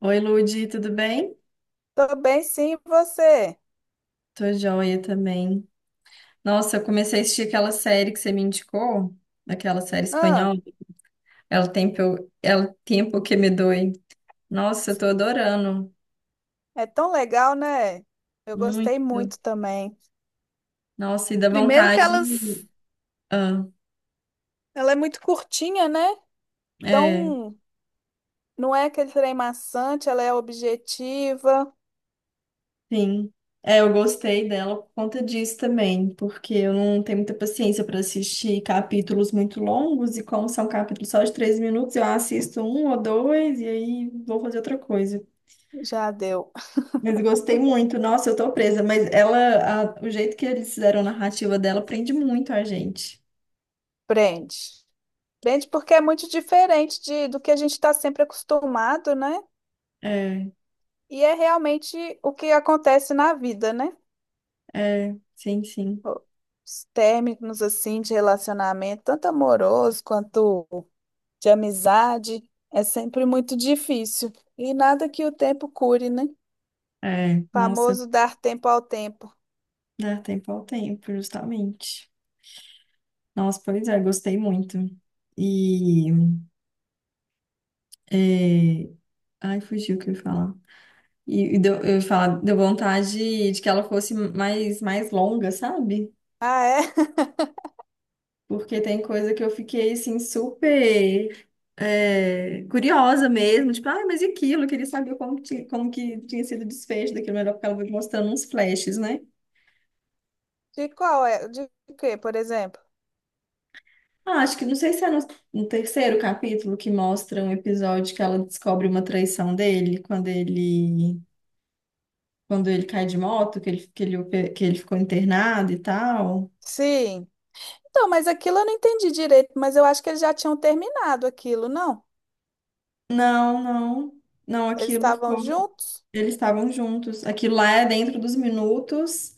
Oi, Ludi, tudo bem? Tô bem, sim, e você? Tô joia também. Nossa, eu comecei a assistir aquela série que você me indicou, aquela série Ah, espanhola, El Tempo, El Tempo que me doi. Nossa, eu tô adorando, é tão legal, né? Eu gostei muito. muito também. Nossa, e dá Primeiro que vontade. Ah, ela é muito curtinha, né? é, Então, não é aquele trem maçante, ela é objetiva. sim. É, eu gostei dela por conta disso também, porque eu não tenho muita paciência para assistir capítulos muito longos, e como são capítulos só de 3 minutos, eu assisto um ou dois e aí vou fazer outra coisa. Já deu. Mas gostei muito. Nossa, eu tô presa. Mas ela, o jeito que eles fizeram a narrativa dela prende muito a gente. Prende. Prende porque é muito diferente do que a gente está sempre acostumado, né? É, E é realmente o que acontece na vida, né? é, sim, sim. Os términos, assim, de relacionamento, tanto amoroso quanto de amizade, é sempre muito difícil. E nada que o tempo cure, né? É, nossa, Famoso dar tempo ao tempo. dá tempo ao tempo, justamente. Nossa, pois é, gostei muito. E, é, ai, fugiu o que eu ia falar. E deu, eu ia falar, deu vontade de, que ela fosse mais longa, sabe? Ah, é? Porque tem coisa que eu fiquei, assim, super curiosa mesmo. Tipo, ah, mas e aquilo? Eu queria saber como que tinha sido o desfecho daquilo. Melhor porque ela vai mostrando uns flashes, né? De qual é? De quê, por exemplo? Ah, acho que não sei se é no terceiro capítulo que mostra um episódio que ela descobre uma traição dele quando ele cai de moto, que ele ficou internado e tal. Sim. Então, mas aquilo eu não entendi direito, mas eu acho que eles já tinham terminado aquilo, não? Não, não. Não, Eles aquilo estavam foi. juntos Eles estavam juntos. Aquilo lá é dentro dos minutos.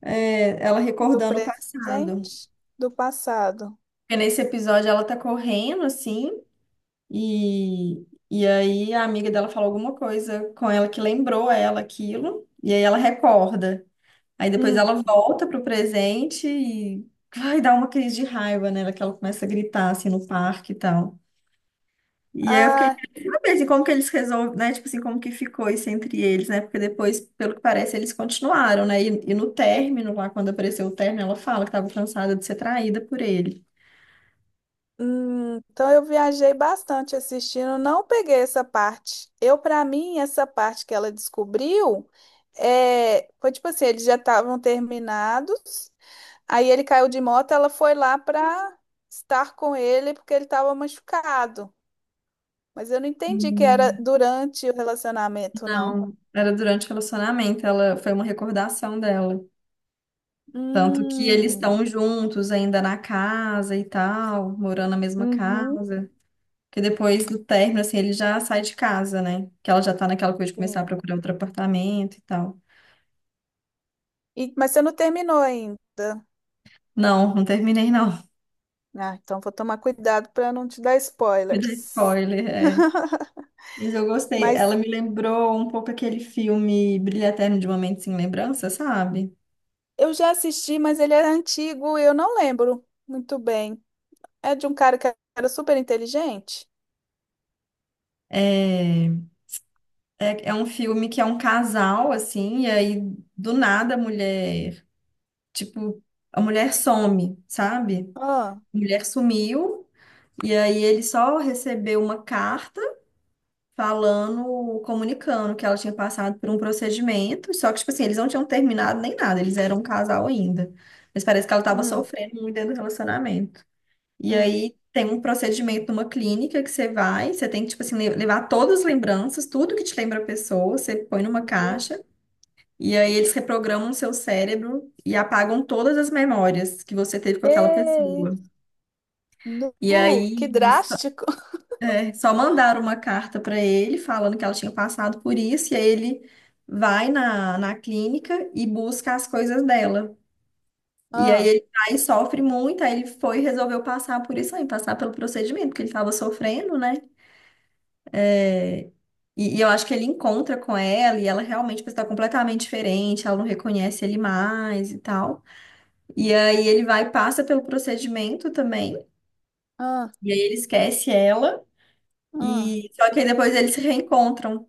Ela do recordando o passado. presente, do passado. Porque nesse episódio ela tá correndo assim e aí a amiga dela falou alguma coisa com ela que lembrou ela aquilo e aí ela recorda. Aí depois Hum. ela volta pro presente e vai dar uma crise de raiva nela que ela começa a gritar assim no parque e tal. E aí eu fiquei Ah, querendo saber assim, como que eles resolvem, né? Tipo assim, como que ficou isso entre eles, né? Porque depois, pelo que parece, eles continuaram, né? E no término, lá quando apareceu o término, ela fala que estava cansada de ser traída por ele. Então eu viajei bastante assistindo, não peguei essa parte. Eu, para mim, essa parte que ela descobriu, é, foi tipo assim, eles já estavam terminados, aí ele caiu de moto, ela foi lá para estar com ele porque ele estava machucado. Mas eu não entendi que era Hum, durante o relacionamento, não. Era durante o relacionamento, ela foi uma recordação dela. Tanto que eles Hum, estão juntos ainda na casa e tal, morando na mesma uhum, casa. Porque depois do término, assim, ele já sai de casa, né? Que ela já tá naquela coisa de começar a sim. procurar outro apartamento e tal. Mas você não terminou ainda. Não, não terminei, não. Ah, então vou tomar cuidado para não te dar Me dá spoilers. spoiler, é. Mas eu gostei. Ela Mas me lembrou um pouco aquele filme Brilho Eterno de uma Mente Sem Lembrança, sabe? eu já assisti, mas ele era antigo e eu não lembro muito bem. É de um cara que era super inteligente? É, é um filme que é um casal, assim, e aí do nada tipo, a mulher, some, sabe? Ah, A mulher sumiu, e aí ele só recebeu uma carta, falando, comunicando que ela tinha passado por um procedimento, só que, tipo assim, eles não tinham terminado nem nada, eles eram um casal ainda. Mas parece que ela estava hum, sofrendo muito dentro do relacionamento. E hum. aí tem um procedimento numa clínica que você vai, você tem que, tipo assim, levar todas as lembranças, tudo que te lembra a pessoa, você põe numa Nu. caixa, e aí eles reprogramam o seu cérebro e apagam todas as memórias que você teve com Que aquela pessoa. isso? Nu, E que aí, drástico. Só mandaram uma carta para ele falando que ela tinha passado por isso, e aí ele vai na clínica e busca as coisas dela. E aí Ah, ele vai e sofre muito, aí ele foi e resolveu passar por isso aí, passar pelo procedimento, porque ele estava sofrendo, né? E eu acho que ele encontra com ela e ela realmente está completamente diferente, ela não reconhece ele mais e tal. E aí ele vai e passa pelo procedimento também, ah, e aí ele esquece ela, ah. e só que aí depois eles se reencontram.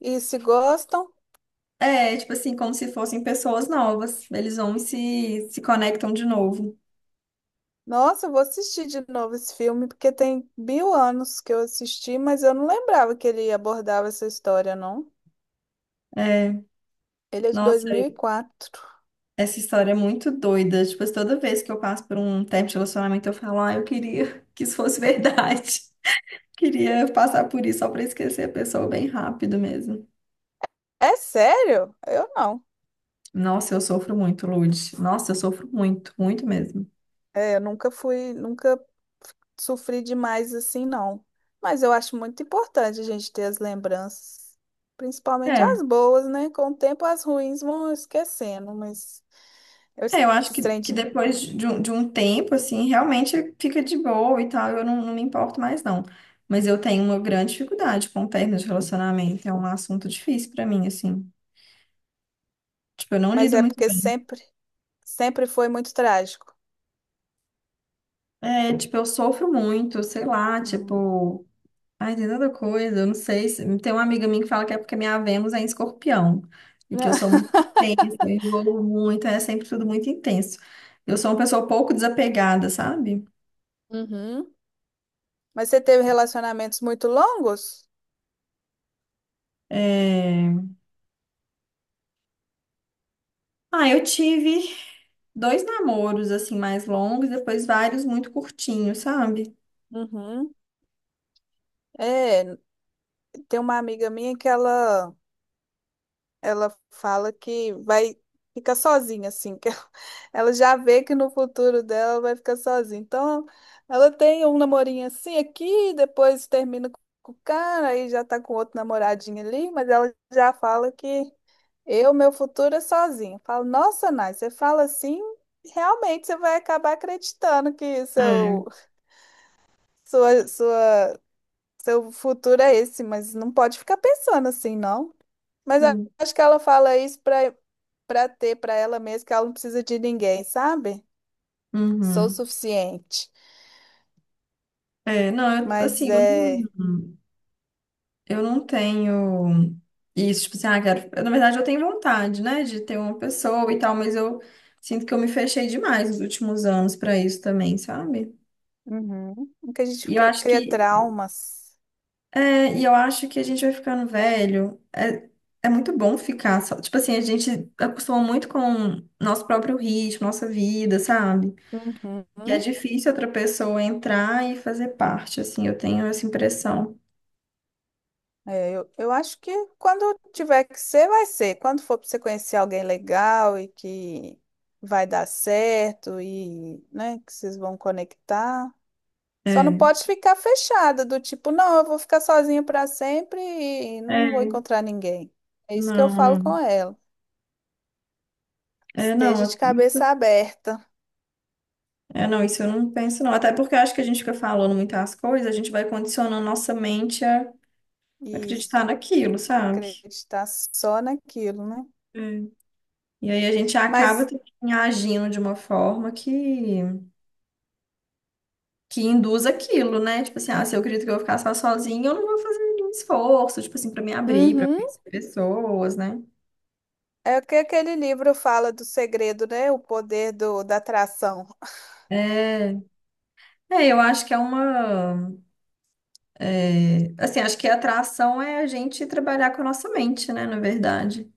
E se gostam? É, tipo assim, como se fossem pessoas novas. Eles vão e se conectam de novo. Nossa, eu vou assistir de novo esse filme, porque tem mil anos que eu assisti, mas eu não lembrava que ele abordava essa história, não. É, Ele é de dois nossa, mil e quatro. essa história é muito doida. Tipo, toda vez que eu passo por um tempo de relacionamento, eu falo, ah, eu queria que isso fosse verdade. Queria passar por isso só pra esquecer a pessoa bem rápido mesmo. É sério? Eu não. Nossa, eu sofro muito, Lud. Nossa, eu sofro muito, muito mesmo. É, eu nunca fui, nunca sofri demais assim, não. Mas eu acho muito importante a gente ter as lembranças, principalmente É. as boas, né? Com o tempo as ruins vão esquecendo, mas eu É, eu acho esses que, trem que de... depois de um, tempo, assim, realmente fica de boa e tal, eu não me importo mais, não. Mas eu tenho uma grande dificuldade com término de relacionamento, é um assunto difícil pra mim, assim. Tipo, eu não Mas lido é muito porque bem. sempre foi muito trágico. É, tipo, eu sofro muito, sei lá, Hum. tipo, ai, tem tanta coisa, eu não sei se... Tem uma amiga minha que fala que é porque minha Vênus é em escorpião, e que eu sou muito intensa, eu envolvo muito, é sempre tudo muito intenso. Eu sou uma pessoa pouco desapegada, sabe? Uhum. Mas você teve relacionamentos muito longos? É. Ah, eu tive dois namoros, assim, mais longos, depois vários muito curtinhos, sabe? Uhum. É, tem uma amiga minha que ela fala que vai ficar sozinha, assim, que ela ela já vê que no futuro dela vai ficar sozinha. Então, ela tem um namorinho assim aqui, depois termina com o cara, aí já tá com outro namoradinho ali, mas ela já fala que eu, meu futuro é sozinha. Fala, nossa, Nai, você fala assim, realmente você vai acabar acreditando que É. Sua, sua, seu futuro é esse, mas não pode ficar pensando assim, não. Mas Hum. acho que ela fala isso para ter para ela mesma que ela não precisa de ninguém, sabe? Sou o Uhum. suficiente. É, não, eu, Mas assim, eu não, é. eu não tenho isso, tipo assim, ah, quero. Na verdade, eu tenho vontade, né, de ter uma pessoa e tal, mas eu sinto que eu me fechei demais nos últimos anos pra isso também, sabe? Uhum. Que a gente E eu acho cria que, traumas. é, e eu acho que a gente vai ficando velho, é muito bom ficar só, tipo assim, a gente acostuma muito com nosso próprio ritmo, nossa vida, sabe? Que é Uhum. difícil outra pessoa entrar e fazer parte, assim, eu tenho essa impressão. É, eu acho que quando tiver que ser, vai ser. Quando for para você conhecer alguém legal e que vai dar certo e, né, que vocês vão conectar. Só não É. pode ficar fechada, do tipo, não, eu vou ficar sozinha para sempre e não vou É, encontrar ninguém. É isso que eu não, falo com não. ela. É, Esteja de não, isso, cabeça aberta. é, não, isso, eu não penso, não. Até porque eu acho que a gente fica falando muitas coisas, a gente vai condicionando nossa mente a Isso. acreditar naquilo, sabe? Acreditar só naquilo, né? É. E aí a gente acaba Mas também agindo de uma forma que induz aquilo, né? Tipo assim, ah, se eu acredito que eu vou ficar só sozinha, eu não vou fazer nenhum esforço, tipo assim, pra me abrir, pra uhum, conhecer pessoas, né? é o que aquele livro fala do segredo, né? O poder da atração É, é, eu acho que é uma. Assim, acho que a atração é a gente trabalhar com a nossa mente, né, na verdade.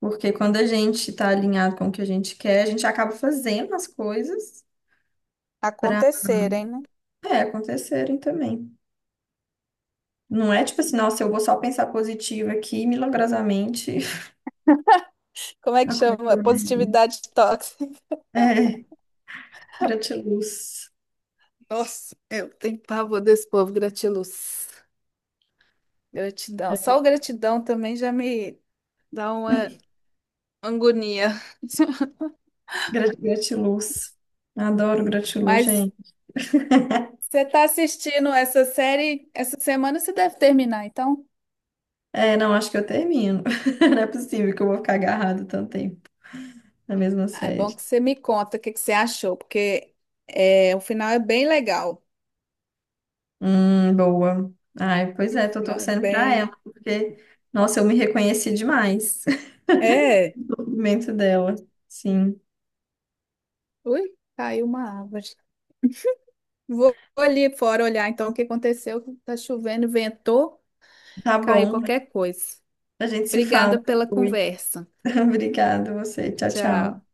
Porque quando a gente tá alinhado com o que a gente quer, a gente acaba fazendo as coisas para, acontecerem, né? Acontecerem também. Não é tipo assim, nossa, eu vou só pensar positivo aqui, e milagrosamente Como é que a chama? coisa vai. Positividade tóxica. É, gratiluz. Nossa, eu tenho pavor desse povo, gratiluz. Gratidão. Só o gratidão também já me dá uma agonia. Gratiluz. Adoro gratiluz, Mas gente. você está assistindo essa série, essa semana você deve terminar, então. É, não, acho que eu termino. Não é possível que eu vou ficar agarrado tanto tempo na mesma Ah, é bom série. que você me conta o que que você achou, porque é, o final é bem legal. Boa. Ai, pois O é, tô final é torcendo pra ela, bem. porque, nossa, eu me reconheci demais É. no movimento dela. Sim. Ui, caiu uma árvore. Vou ali fora olhar então o que aconteceu. Tá chovendo, ventou, Tá caiu bom. qualquer coisa. A gente se fala Obrigada pela depois. conversa. Obrigada, você. Tchau, Tchau. tchau.